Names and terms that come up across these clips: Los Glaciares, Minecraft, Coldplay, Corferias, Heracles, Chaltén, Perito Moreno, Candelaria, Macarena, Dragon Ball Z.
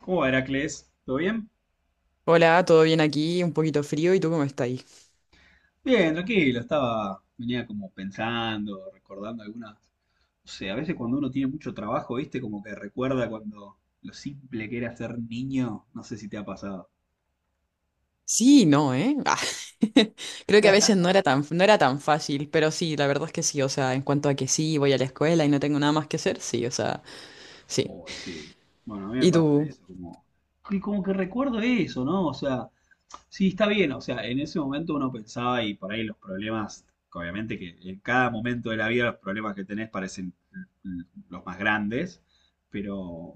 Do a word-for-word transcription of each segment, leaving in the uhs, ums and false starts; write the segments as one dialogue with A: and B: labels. A: ¿Cómo va, Heracles? ¿Todo bien?
B: Hola, ¿todo bien aquí? Un poquito frío, ¿y tú cómo estás ahí?
A: Bien, tranquilo, estaba, venía como pensando, recordando algunas, no sé, a veces cuando uno tiene mucho trabajo, ¿viste? Como que recuerda cuando lo simple que era ser niño, no sé si te ha pasado.
B: Sí, no, ¿eh? Ah, Creo que a veces no era tan, no era tan fácil, pero sí, la verdad es que sí, o sea, en cuanto a que sí, voy a la escuela y no tengo nada más que hacer, sí, o sea, sí.
A: O ese, bueno, a mí me
B: Y
A: pasa
B: tú,
A: eso, como, y como que recuerdo eso, ¿no? O sea, sí, está bien, o sea, en ese momento uno pensaba y por ahí los problemas, obviamente que en cada momento de la vida los problemas que tenés parecen l- los más grandes, pero,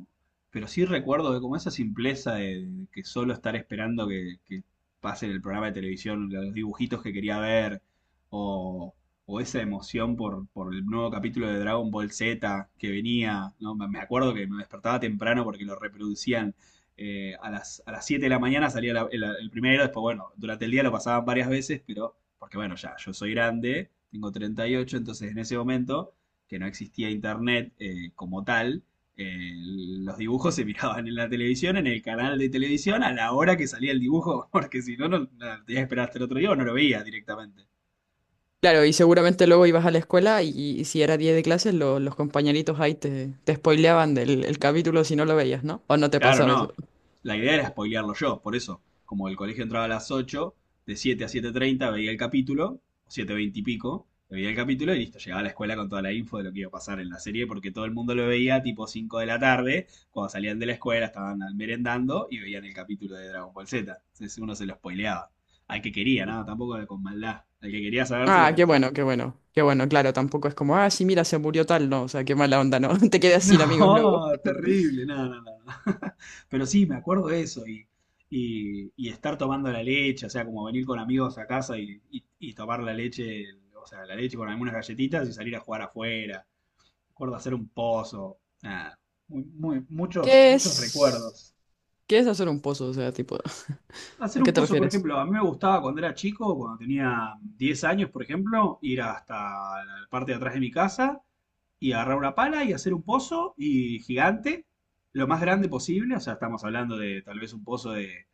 A: pero sí recuerdo que como esa simpleza de, de, que solo estar esperando que, que pase el programa de televisión, los dibujitos que quería ver, o, o, esa emoción por, por el nuevo capítulo de Dragon Ball Z que venía, ¿no? Me me acuerdo que me despertaba temprano porque lo reproducían eh, a, las, a las siete de la mañana, salía la- el, el primero, después, bueno, durante el día lo pasaban varias veces, pero porque, bueno, ya, yo soy grande, tengo treinta y ocho, entonces en ese momento, que no existía internet eh, como tal, eh, los dibujos se miraban en la televisión, en el canal de televisión, a la hora que salía el dibujo, porque si no, no, no, tenía que esperar hasta el otro día o no lo veía directamente.
B: claro, y seguramente luego ibas a la escuela y, y si era día de clases, lo- los compañeritos ahí te, te spoileaban del el capítulo si no lo veías, ¿no? ¿O no te
A: Claro,
B: pasaba eso?
A: no. La idea era spoilearlo yo, por eso. Como el colegio entraba a las ocho, de siete a siete treinta veía el capítulo, o siete veinte y pico, veía el capítulo y listo, llegaba a la escuela con toda la info de lo que iba a pasar en la serie, porque todo el mundo lo veía tipo cinco de la tarde, cuando salían de la escuela, estaban merendando y veían el capítulo de Dragon Ball Z. Entonces uno se lo spoileaba. Al que quería, nada, tampoco con maldad. Al que quería saber se lo
B: Ah, qué
A: contaba.
B: bueno, qué bueno, qué bueno, claro, tampoco es como, ah, sí, mira, se murió tal, no, o sea, qué mala onda, ¿no? Te quedas sin amigos luego.
A: No, terrible, no, no, no. Pero sí, me acuerdo de eso y, y, y estar tomando la leche, o sea, como venir con amigos a casa y, y- y tomar la leche, o sea, la leche con algunas galletitas y salir a jugar afuera. Me acuerdo hacer un pozo, nada, muy, muy- muchos,
B: ¿Qué
A: muchos
B: es?
A: recuerdos.
B: ¿Qué es hacer un pozo? O sea, tipo,
A: Hacer
B: ¿a qué
A: un
B: te
A: pozo, por
B: refieres?
A: ejemplo, a mí me gustaba cuando era chico, cuando tenía diez años, por ejemplo, ir hasta la parte de atrás de mi casa y agarrar una pala y hacer un pozo y gigante, lo más grande posible, o sea, estamos hablando de tal vez un pozo de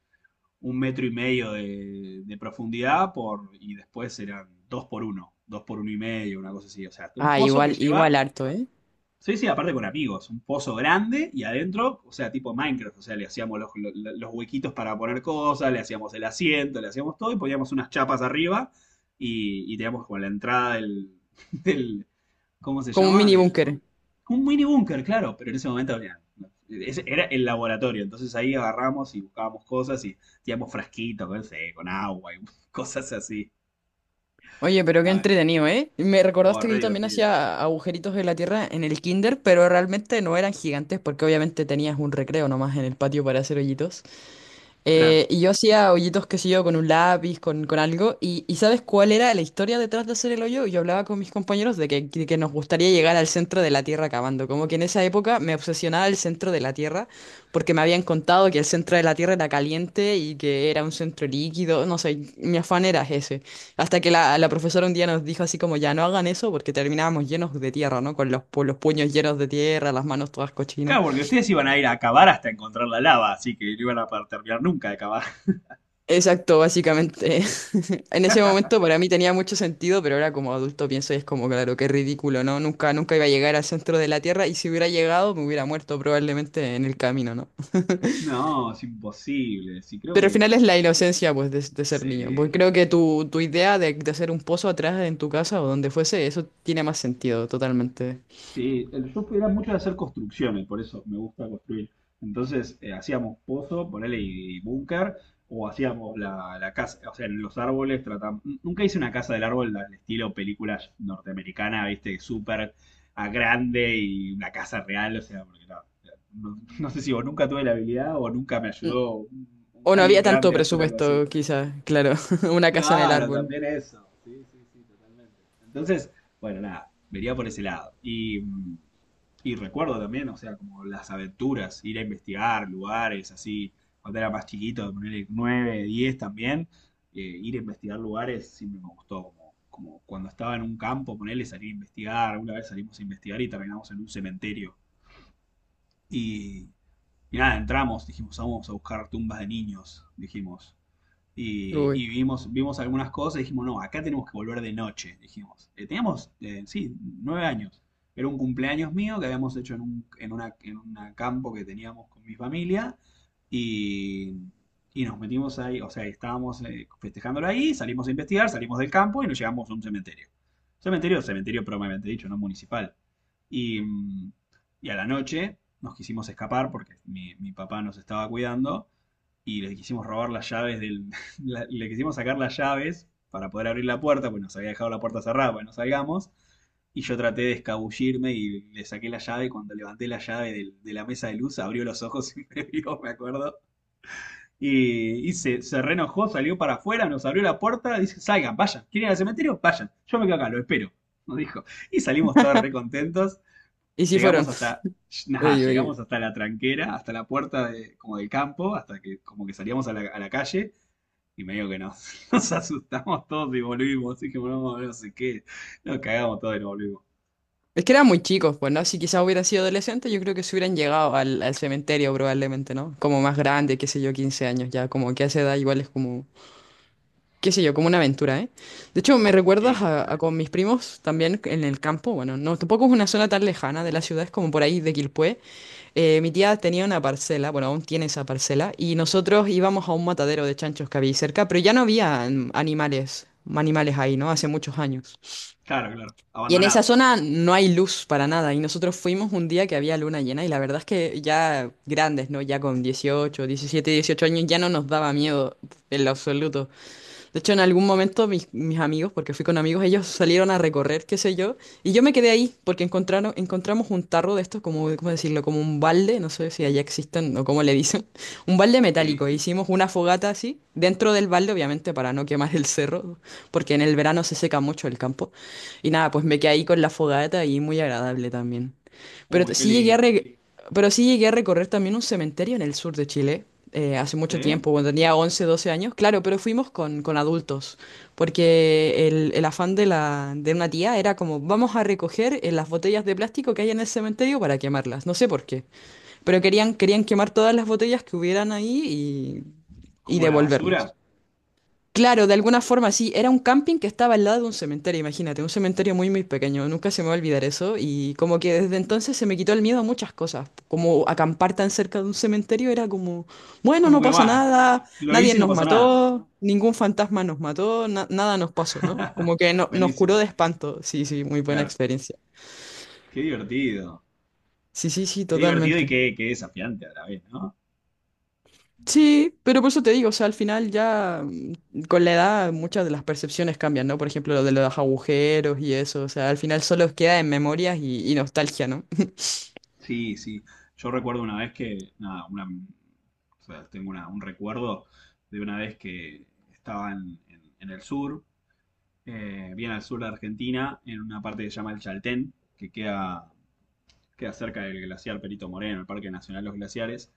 A: un metro y medio de, de profundidad por, y después eran dos por uno, dos por uno y medio, una cosa así, o sea, un
B: Ah,
A: pozo que
B: igual, igual
A: lleva.
B: harto, ¿eh?
A: Sí, sí, aparte con amigos, un pozo grande y adentro, o sea, tipo Minecraft, o sea, le hacíamos los, los- los huequitos para poner cosas, le hacíamos el asiento, le hacíamos todo y poníamos unas chapas arriba y, y teníamos como la entrada del, del- ¿cómo se
B: Como un
A: llama?
B: mini
A: Del,
B: búnker.
A: un mini búnker, claro, pero en ese momento había- ese era el laboratorio, entonces ahí agarramos y buscábamos cosas y teníamos frasquitos, no sé, con agua y cosas así.
B: Oye, pero qué
A: A ver,
B: entretenido, ¿eh? Me
A: oh,
B: recordaste que
A: re
B: yo también
A: divertido.
B: hacía agujeritos en la tierra en el kinder, pero realmente no eran gigantes porque obviamente tenías un recreo nomás en el patio para hacer hoyitos. Eh,
A: Claro.
B: y yo hacía hoyitos, qué sé yo, con un lápiz, con, con algo. Y, y ¿sabes cuál era la historia detrás de hacer el hoyo? Yo hablaba con mis compañeros de que, de que nos gustaría llegar al centro de la Tierra cavando. Como que en esa época me obsesionaba el centro de la Tierra porque me habían contado que el centro de la Tierra era caliente y que era un centro líquido. No sé, mi afán era ese. Hasta que la, la profesora un día nos dijo así como, ya no hagan eso porque terminábamos llenos de tierra, ¿no? Con los, pu- los puños llenos de tierra, las manos todas cochinas.
A: Claro, porque ustedes iban a ir a cavar hasta encontrar la lava, así que no iban a poder terminar nunca de cavar.
B: Exacto, básicamente. En ese momento para mí tenía mucho sentido, pero ahora como adulto pienso y es como, claro, qué ridículo, ¿no? Nunca, nunca iba a llegar al centro de la Tierra y si hubiera llegado me hubiera muerto probablemente en el camino, ¿no?
A: No, es imposible. Sí, creo
B: Pero al
A: que.
B: final es la inocencia, pues, de, de ser niño. Pues
A: Sí.
B: creo que tu, tu idea de, de hacer un pozo atrás en tu casa o donde fuese, eso tiene más sentido, totalmente.
A: Sí, el, yo era mucho de hacer construcciones, por eso me gusta construir. Entonces eh, hacíamos pozo, ponele y, y búnker, o hacíamos la, la casa, o sea, en los árboles tratamos. Nunca hice una casa del árbol al estilo película norteamericana, viste, súper a grande y una casa real, o sea, porque no, no, no sé si o nunca tuve la habilidad o nunca me
B: Mm.
A: ayudó un- un-
B: O no
A: alguien
B: había tanto
A: grande a hacer algo así.
B: presupuesto, quizás, claro. Una casa en el
A: Claro,
B: árbol.
A: también eso. Sí, sí, sí, totalmente. Entonces, bueno, nada, vería por ese lado. Y, mm, y recuerdo también, o sea, como las aventuras, ir a investigar lugares así, cuando era más chiquito, ponerle nueve, diez también, eh, ir a investigar lugares siempre me gustó, como, como cuando estaba en un campo, ponerle salir a investigar, una vez salimos a investigar y terminamos en un cementerio. Y, y nada, entramos, dijimos, vamos a buscar tumbas de niños, dijimos
B: Uy.
A: y, y vimos, vimos algunas cosas y dijimos, no, acá tenemos que volver de noche, dijimos. Eh, teníamos, eh, sí, nueve años. Era un cumpleaños mío que habíamos hecho en un en una, en una campo que teníamos con mi familia y, y nos metimos ahí, o sea, estábamos eh, festejándolo ahí, salimos a investigar, salimos del campo y nos llegamos a un cementerio. Cementerio, cementerio probablemente dicho, no municipal. Y, mm, y a la noche nos quisimos escapar porque mi, mi papá nos estaba cuidando y le quisimos robar las llaves del. la- le quisimos sacar las llaves para poder abrir la puerta, pues nos había dejado la puerta cerrada para no salgamos. Y yo traté de escabullirme y le saqué la llave. Cuando levanté la llave del- de la mesa de luz, abrió los ojos y me vio, me acuerdo. Y, y se, se reenojó, salió para afuera, nos abrió la puerta. Dice: Salgan, vayan. ¿Quieren ir al cementerio? Vayan. Yo me quedo acá, lo espero. Nos dijo. Y salimos todos re contentos.
B: ¿Y si
A: Llegamos
B: fueron?
A: hasta, nada,
B: Uy,
A: llegamos
B: uy.
A: hasta la tranquera, hasta la puerta de, como del campo, hasta que como que salíamos a la, a la calle y medio que nos, nos asustamos todos y volvimos. Así que volvemos, no sé qué, nos cagamos todos y nos volvimos.
B: Es que eran muy chicos, pues, ¿no? Si quizás hubieran sido adolescentes, yo creo que se hubieran llegado al, al cementerio probablemente, ¿no? Como más grande, qué sé yo, quince años ya, como que a esa edad igual es como, qué sé yo, como una aventura, ¿eh? De hecho, me recuerdas
A: Sí,
B: a, a
A: re.
B: con mis primos también en el campo, bueno, no, tampoco es una zona tan lejana de la ciudad, es como por ahí de Quilpué. Eh, mi tía tenía una parcela, bueno, aún tiene esa parcela, y nosotros íbamos a un matadero de chanchos que había ahí cerca, pero ya no había animales, animales ahí, ¿no? Hace muchos años.
A: Claro, claro,
B: Y en esa
A: abandonado.
B: zona no hay luz para nada. Y nosotros fuimos un día que había luna llena y la verdad es que ya grandes, ¿no? Ya con dieciocho, diecisiete, dieciocho años ya no nos daba miedo en lo absoluto. De hecho, en algún momento mis, mis amigos, porque fui con amigos, ellos salieron a recorrer, qué sé yo, y yo me quedé ahí porque encontraron, encontramos un tarro de estos, como, ¿cómo decirlo? Como un balde, no sé si allá existen o cómo le dicen, un balde
A: Sí,
B: metálico. E hicimos una fogata así, dentro del balde, obviamente, para no quemar el cerro, porque en el verano se seca mucho el campo. Y nada, pues me quedé ahí con la fogata y muy agradable también. Pero
A: uy,
B: t-
A: qué
B: sí llegué a
A: lindo.
B: re- pero sí llegué a recorrer también un cementerio en el sur de Chile. Eh, hace
A: ¿Sí?
B: mucho tiempo, cuando tenía once doce años, claro, pero fuimos con, con adultos, porque el, el afán de, la, de una tía era como, vamos a recoger eh, las botellas de plástico que hay en el cementerio para quemarlas, no sé por qué, pero querían, querían quemar todas las botellas que hubieran ahí y, y
A: Como la basura.
B: devolvernos. Claro, de alguna forma sí, era un camping que estaba al lado de un cementerio, imagínate, un cementerio muy, muy pequeño, nunca se me va a olvidar eso y como que desde
A: Mm.
B: entonces se me quitó el miedo a muchas cosas, como acampar tan cerca de un cementerio era como, bueno,
A: Como
B: no
A: que
B: pasa
A: va,
B: nada,
A: lo
B: nadie
A: hice y no
B: nos
A: pasó nada.
B: mató, ningún fantasma nos mató, na- nada nos pasó, ¿no? Como que no- nos curó
A: Buenísimo,
B: de espanto, sí, sí, muy buena
A: claro.
B: experiencia.
A: Qué divertido.
B: Sí, sí, sí,
A: Qué divertido y
B: totalmente.
A: qué, qué desafiante a la vez, ¿no?
B: Sí, pero por eso te digo, o sea, al final ya mm, con la edad muchas de las percepciones cambian, ¿no? Por ejemplo, lo de los agujeros y eso, o sea, al final solo queda en memorias y, y nostalgia, ¿no?
A: Sí, sí. Yo recuerdo una vez que, nada, una, o sea, tengo una- un recuerdo de una vez que estaba en, en- en el sur, eh, bien al sur de Argentina, en una parte que se llama el Chaltén, que queda, queda cerca del glaciar Perito Moreno, el Parque Nacional Los Glaciares,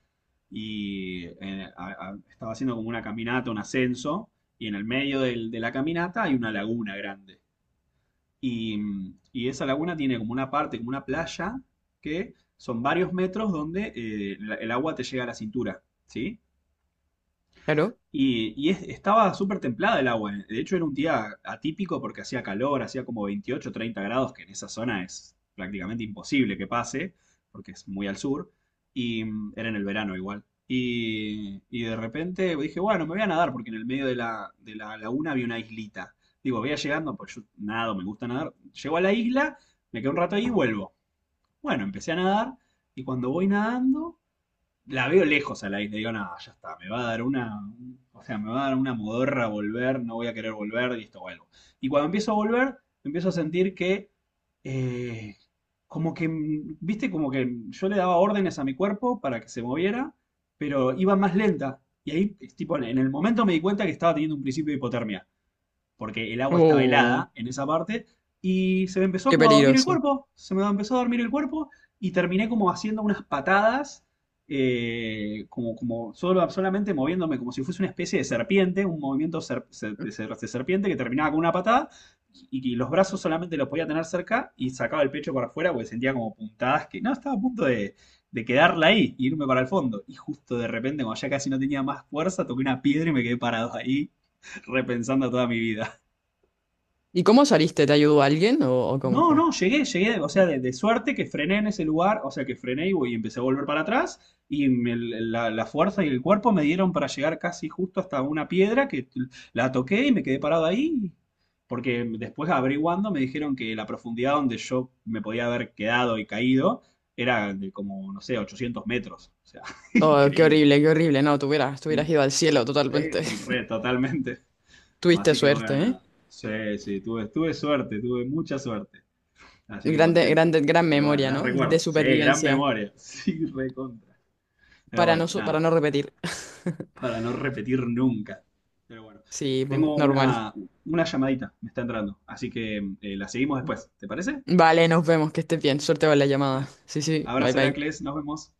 A: y eh, a- a- estaba haciendo como una caminata, un ascenso, y en el medio del- de la caminata hay una laguna grande. Y, y esa laguna tiene como una parte, como una playa, que son varios metros donde eh, el agua te llega a la cintura, ¿sí?
B: Claro.
A: Y, y es- estaba súper templada el agua. eh. De hecho, era un día atípico porque hacía calor, hacía como veintiocho treinta grados, que en esa zona es prácticamente imposible que pase, porque es muy al sur. Y mm, era en el verano igual. Y, y de repente dije, bueno, me voy a nadar porque en el medio de la, de la laguna había una islita. Digo, voy a llegando, pues yo nado, me gusta nadar. Llego a la isla, me quedo un rato ahí y vuelvo. Bueno, empecé a nadar y cuando voy nadando la veo lejos a la isla, digo, nada, ya está, me va a dar una, o sea, me va a dar una modorra volver, no voy a querer volver, listo, vuelvo. Y cuando empiezo a volver, empiezo a sentir que, eh, como que, mm, viste, como que yo le daba órdenes a mi cuerpo para que se moviera, pero iba más lenta. Y ahí, es tipo, en el momento me di cuenta que estaba teniendo un principio de hipotermia porque el agua estaba
B: Oh,
A: helada en esa parte, y se me empezó
B: qué
A: como a dormir el
B: peligroso.
A: cuerpo, se me empezó a dormir el cuerpo, y terminé como haciendo unas patadas, eh, como, como solo, solamente moviéndome como si fuese una especie de serpiente, un movimiento ser- ser- de, ser- de serpiente que terminaba con una patada, y, y los brazos solamente los podía tener cerca, y sacaba el pecho para afuera porque sentía como puntadas que, no, estaba a punto de... de quedarla ahí, y irme para el fondo. Y justo de repente, cuando ya casi no tenía más fuerza, toqué una piedra y me quedé parado ahí, repensando toda mi vida.
B: ¿Y cómo saliste? ¿Te ayudó alguien o, o cómo
A: No,
B: fue?
A: no, llegué, llegué, o sea, de, de suerte que frené en ese lugar, o sea, que frené y, voy- y empecé a volver para atrás y me- la, la fuerza y el cuerpo me dieron para llegar casi justo hasta una piedra que la toqué y me quedé parado ahí, porque después averiguando me dijeron que la profundidad donde yo me podía haber quedado y caído era de como, no sé, ochocientos metros, o sea,
B: Oh, qué
A: increíble.
B: horrible, qué horrible. No, tú hubieras, tú
A: Mm,
B: hubieras ido al cielo
A: sí,
B: totalmente.
A: re, totalmente.
B: Tuviste
A: Así que
B: suerte,
A: bueno,
B: ¿eh?
A: nada. Sí, sí, tuve, tuve suerte, tuve mucha suerte. Así que
B: Grande,
A: contento.
B: grande, gran
A: Pero bueno,
B: memoria,
A: las
B: ¿no? De
A: recuerdo. Sí, gran
B: supervivencia.
A: memoria. Sí, recontra. Pero
B: Para
A: bueno,
B: no, su- para
A: nada.
B: no repetir.
A: Para no repetir nunca. Pero bueno.
B: Sí, pu,
A: Tengo
B: normal.
A: una, una llamadita. Me está entrando. Así que eh, la seguimos después. ¿Te parece?
B: Vale, nos vemos, que estés bien. Suerte con la llamada.
A: Bueno.
B: Sí, sí, bye
A: Abrazo,
B: bye.
A: Heracles. Nos vemos.